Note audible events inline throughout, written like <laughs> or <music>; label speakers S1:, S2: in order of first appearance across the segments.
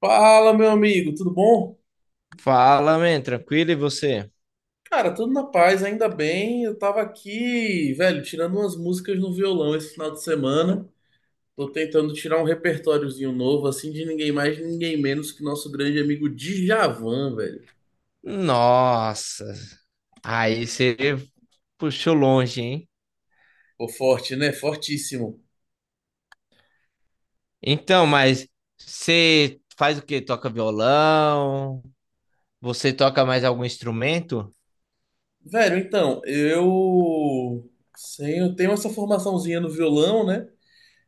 S1: Fala, meu amigo, tudo bom?
S2: Fala, man, tranquilo e você?
S1: Cara, tudo na paz, ainda bem. Eu tava aqui, velho, tirando umas músicas no violão esse final de semana. Tô tentando tirar um repertóriozinho novo, assim, de ninguém mais, ninguém menos que nosso grande amigo Djavan, velho.
S2: Nossa, aí você puxou longe, hein?
S1: Pô, forte, né? Fortíssimo.
S2: Então, mas você faz o quê? Toca violão? Você toca mais algum instrumento?
S1: Velho, então, eu, sim, eu tenho essa formaçãozinha no violão, né?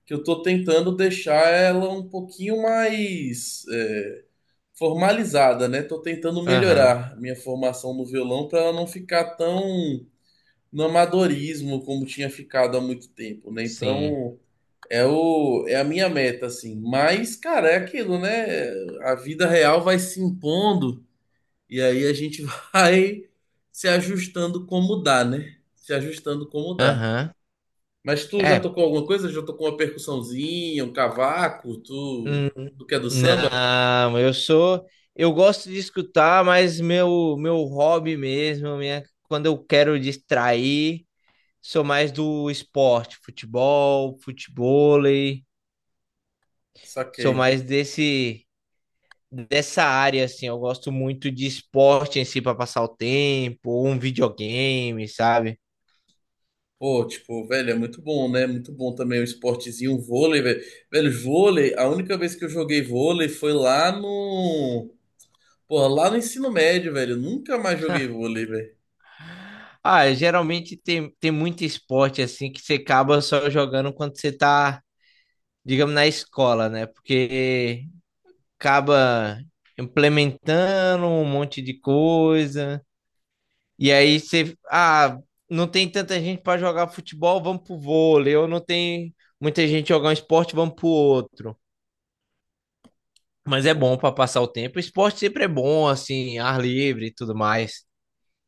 S1: Que eu tô tentando deixar ela um pouquinho mais. Formalizada, né? Tô tentando
S2: Aham,
S1: melhorar minha formação no violão para ela não ficar tão no amadorismo como tinha ficado há muito tempo, né?
S2: sim.
S1: Então, é o é a minha meta assim. Mas, cara, é aquilo, né? A vida real vai se impondo e aí a gente <laughs> vai se ajustando como dá, né? Se ajustando como dá.
S2: Aham.
S1: Mas tu já
S2: É,
S1: tocou alguma coisa? Já tocou uma percussãozinha, um cavaco? Tu,
S2: hum,
S1: tu que é do samba?
S2: não, eu sou. Eu gosto de escutar, mas meu hobby mesmo, minha, quando eu quero distrair, sou mais do esporte, futebol, futevôlei. Sou
S1: Saquei.
S2: mais desse dessa área assim, eu gosto muito de esporte em si para passar o tempo, ou um videogame, sabe?
S1: Pô, tipo, velho, é muito bom, né? Muito bom também o esportezinho, o vôlei, velho. Velho, vôlei, a única vez que eu joguei vôlei foi lá no. Pô, lá no ensino médio, velho. Eu nunca mais joguei vôlei, velho.
S2: Ah, geralmente tem muito esporte assim que você acaba só jogando quando você tá, digamos, na escola, né? Porque acaba implementando um monte de coisa. E aí você, não tem tanta gente para jogar futebol, vamos pro vôlei, ou não tem muita gente jogar um esporte, vamos pro outro. Mas é bom para passar o tempo. Esporte sempre é bom, assim, ar livre e tudo mais.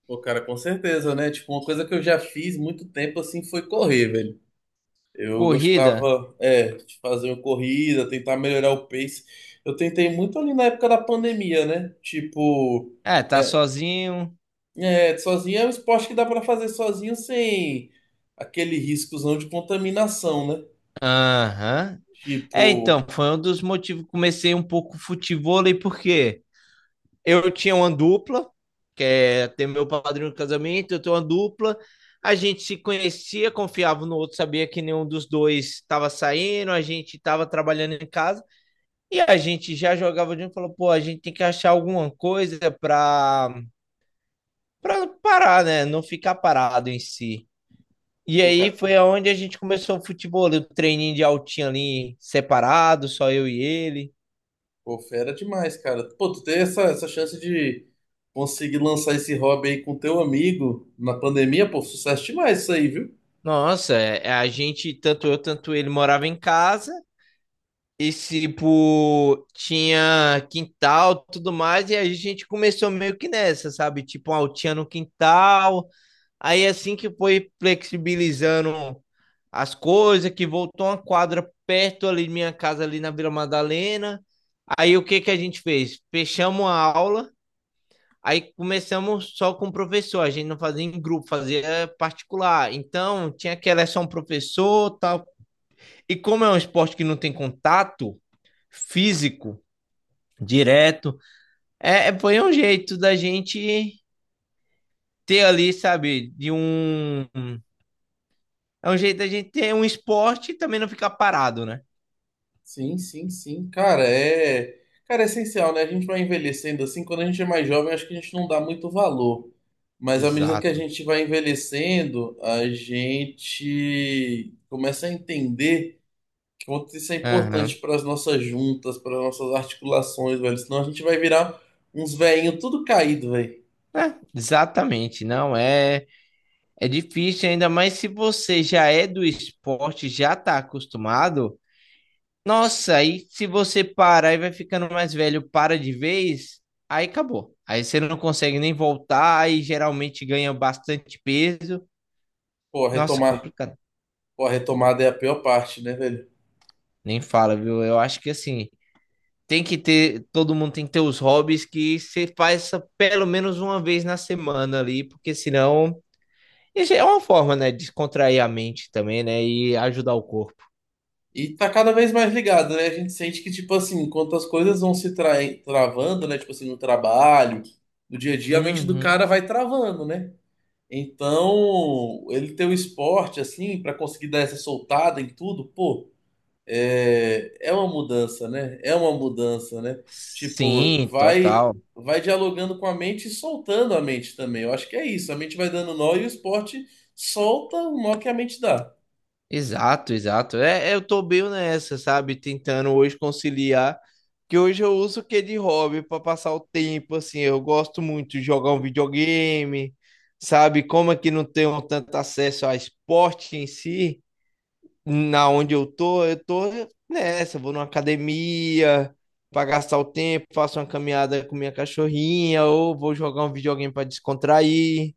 S1: Pô, cara, com certeza, né? Tipo, uma coisa que eu já fiz muito tempo assim foi correr, velho. Eu
S2: Corrida,
S1: gostava, é, de fazer uma corrida, tentar melhorar o pace. Eu tentei muito ali na época da pandemia, né? Tipo.
S2: é, tá
S1: É,
S2: sozinho.
S1: É, sozinho é um esporte que dá pra fazer sozinho sem aquele riscozão de contaminação, né?
S2: Aham.
S1: Tipo,
S2: É, então, foi um dos motivos que comecei um pouco futevôlei, porque eu tinha uma dupla, que é ter meu padrinho no casamento, eu tenho uma dupla. A gente se conhecia, confiava no outro, sabia que nenhum dos dois estava saindo, a gente estava trabalhando em casa e a gente já jogava junto, e falou, pô, a gente tem que achar alguma coisa para parar, né? Não ficar parado em si. E
S1: pô,
S2: aí
S1: cara,
S2: foi aonde a gente começou o futebol, o treininho de altinha ali separado, só eu e ele.
S1: pô, fera demais, cara. Pô, tu ter essa chance de conseguir lançar esse hobby aí com teu amigo na pandemia, pô, sucesso demais isso aí, viu?
S2: Nossa, é, é, a gente, tanto eu, tanto ele, morava em casa. E, tipo, tinha quintal, tudo mais, e aí a gente começou meio que nessa, sabe? Tipo, uma altinha no quintal. Aí assim que foi flexibilizando as coisas, que voltou uma quadra perto ali de minha casa, ali na Vila Madalena. Aí o que que a gente fez? Fechamos a aula, aí começamos só com o professor. A gente não fazia em grupo, fazia particular. Então tinha que era só um professor, tal. E como é um esporte que não tem contato físico direto, é, foi um jeito da gente ter ali, sabe, de um é um jeito da gente ter um esporte e também não ficar parado, né?
S1: Sim, sim, sim. Cara, é. Cara, é essencial, né? A gente vai envelhecendo assim. Quando a gente é mais jovem, acho que a gente não dá muito valor. Mas à medida que a
S2: Exato.
S1: gente vai envelhecendo, a gente começa a entender quanto isso é
S2: Aham.
S1: importante para as nossas juntas, para as nossas articulações, velho. Senão a gente vai virar uns velhinhos tudo caído, velho.
S2: É, exatamente. Não é. É difícil, ainda mais se você já é do esporte, já tá acostumado. Nossa, aí se você parar e vai ficando mais velho, para de vez, aí acabou. Aí você não consegue nem voltar, aí geralmente ganha bastante peso.
S1: Pô,
S2: Nossa,
S1: retomar.
S2: complicado.
S1: Pô, a retomada é a pior parte, né, velho?
S2: Nem fala, viu? Eu acho que assim, tem que ter, todo mundo tem que ter os hobbies que você faz pelo menos uma vez na semana ali, porque senão isso é uma forma, né, de descontrair a mente também, né, e ajudar o corpo.
S1: E tá cada vez mais ligado, né? A gente sente que, tipo assim, enquanto as coisas vão se travando, né? Tipo assim, no trabalho, no dia a dia, a mente do
S2: Uhum.
S1: cara vai travando, né? Então, ele ter o esporte, assim, para conseguir dar essa soltada em tudo, pô, é, é uma mudança, né? É uma mudança, né? Tipo,
S2: Sim,
S1: vai
S2: total.
S1: vai dialogando com a mente e soltando a mente também. Eu acho que é isso. A mente vai dando nó e o esporte solta o nó que a mente dá.
S2: Exato, exato. É, eu tô bem nessa, sabe? Tentando hoje conciliar, que hoje eu uso o que de hobby para passar o tempo, assim, eu gosto muito de jogar um videogame, sabe? Como é que não tenho tanto acesso a esporte em si, na onde eu tô nessa, vou numa academia para gastar o tempo, faço uma caminhada com minha cachorrinha, ou vou jogar um videogame para descontrair,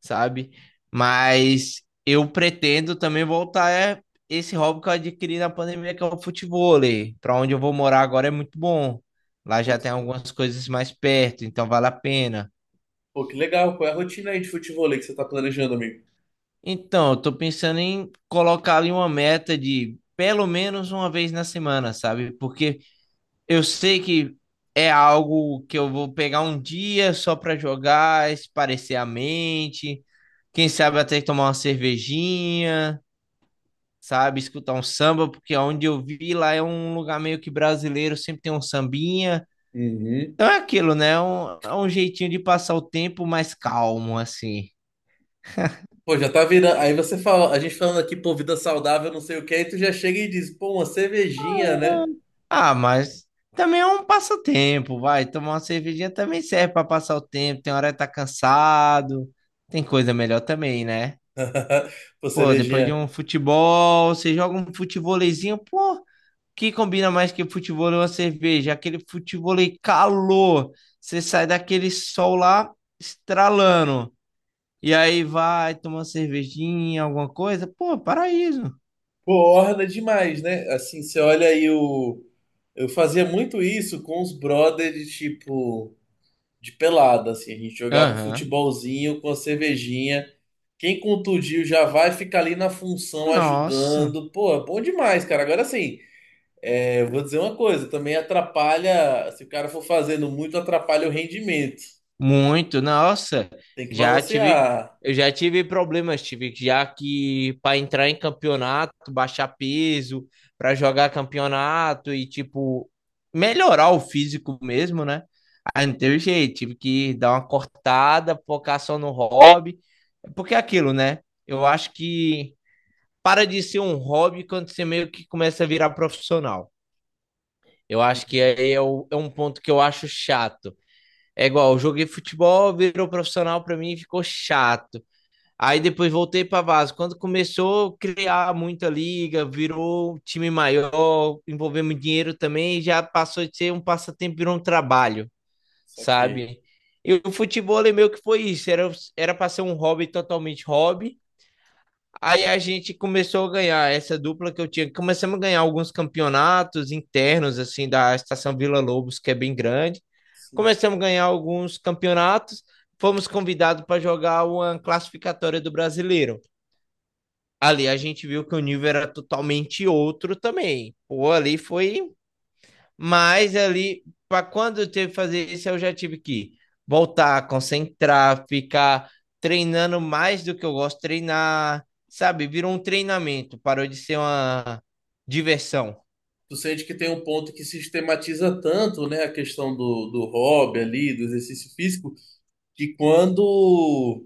S2: sabe? Mas eu pretendo também voltar esse hobby que eu adquiri na pandemia, que é o futevôlei. Para onde eu vou morar agora é muito bom. Lá
S1: Pô,
S2: já
S1: que
S2: tem algumas coisas mais perto, então vale a pena.
S1: pô, que legal. Qual é a rotina aí de futevôlei que você tá planejando, amigo?
S2: Então, eu tô pensando em colocar ali uma meta de pelo menos uma vez na semana, sabe? Porque eu sei que é algo que eu vou pegar um dia só para jogar, espairecer a mente, quem sabe até tomar uma cervejinha, sabe, escutar um samba, porque onde eu vi lá é um lugar meio que brasileiro, sempre tem um sambinha.
S1: Uhum.
S2: Então é aquilo, né? É um jeitinho de passar o tempo mais calmo, assim.
S1: Pô, já tá virando. Aí você fala, a gente falando aqui, pô, vida saudável, não sei o que, aí tu já chega e diz, pô, uma cervejinha,
S2: Ah,
S1: né?
S2: mas também é um passatempo, vai. Tomar uma cervejinha também serve para passar o tempo. Tem hora que tá cansado, tem coisa melhor também, né?
S1: <laughs> Pô,
S2: Pô, depois de
S1: cervejinha.
S2: um futebol, você joga um futevôleizinho, pô, que combina mais que futevôlei e uma cerveja? Aquele futevôlei calor, você sai daquele sol lá estralando, e aí vai tomar uma cervejinha, alguma coisa, pô, paraíso.
S1: Pô, orna demais, né? Assim, você olha aí o. Eu fazia muito isso com os brothers de tipo de pelada, assim. A gente jogava um
S2: Aham.
S1: futebolzinho com a cervejinha. Quem contundiu já vai ficar ali na função
S2: Nossa.
S1: ajudando. Pô, é bom demais, cara. Agora sim, é, eu vou dizer uma coisa, também atrapalha, se o cara for fazendo muito, atrapalha o rendimento.
S2: Muito, nossa,
S1: Tem que
S2: já tive,
S1: balancear.
S2: eu já tive problemas, tive já que para entrar em campeonato, baixar peso, para jogar campeonato e tipo melhorar o físico mesmo, né? Aí não teve jeito, tive que dar uma cortada, focar só no hobby, porque é aquilo, né? Eu acho que para de ser um hobby quando você meio que começa a virar profissional. Eu acho que
S1: Hum,
S2: aí é, é um ponto que eu acho chato. É igual, eu joguei futebol, virou profissional pra mim e ficou chato. Aí depois voltei pra Vaso. Quando começou a criar muita liga, virou um time maior, envolveu muito dinheiro também, já passou de ser um passatempo, virou um trabalho,
S1: saquei.
S2: sabe? E o futebol é meio que foi isso, era pra ser um hobby totalmente hobby. Aí a gente começou a ganhar essa dupla que eu tinha. Começamos a ganhar alguns campeonatos internos, assim, da Estação Vila Lobos, que é bem grande.
S1: Sim.
S2: Começamos a ganhar alguns campeonatos. Fomos convidados para jogar uma classificatória do Brasileiro. Ali a gente viu que o nível era totalmente outro também. Pô, ali foi mas ali, para quando eu teve que fazer isso, eu já tive que voltar, concentrar, ficar treinando mais do que eu gosto de treinar, sabe? Virou um treinamento, parou de ser uma diversão.
S1: Tu sente que tem um ponto que sistematiza tanto, né, a questão do hobby ali, do exercício físico, que quando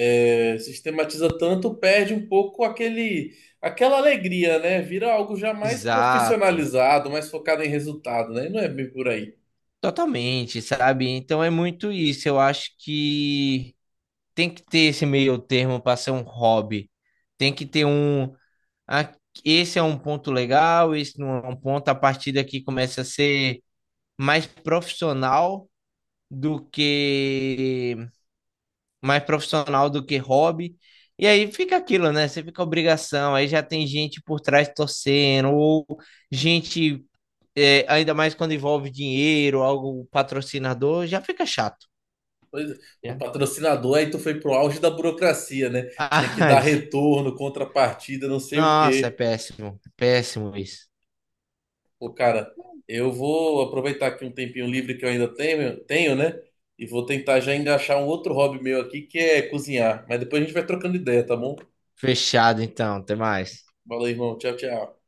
S1: é, sistematiza tanto, perde um pouco aquele, aquela alegria, né? Vira algo já mais
S2: Exato,
S1: profissionalizado, mais focado em resultado, né? Não é bem por aí.
S2: totalmente, sabe? Então é muito isso. Eu acho que tem que ter esse meio termo para ser um hobby. Tem que ter um. Ah, Esse é um ponto legal, esse não é um ponto. A partir daqui começa a ser mais profissional do que mais profissional do que hobby. E aí fica aquilo, né? Você fica obrigação, aí já tem gente por trás torcendo, ou gente, é, ainda mais quando envolve dinheiro, algo patrocinador, já fica chato,
S1: Pois é, o
S2: né?
S1: patrocinador, aí tu foi pro auge da burocracia, né? Tem que
S2: Ah,
S1: dar
S2: <laughs>
S1: retorno, contrapartida, não sei o
S2: nossa,
S1: quê.
S2: é péssimo isso.
S1: Pô, cara, eu vou aproveitar aqui um tempinho livre que eu ainda tenho, né? E vou tentar já engaixar um outro hobby meu aqui, que é cozinhar. Mas depois a gente vai trocando ideia, tá bom?
S2: Fechado então, até mais.
S1: Valeu, irmão. Tchau, tchau.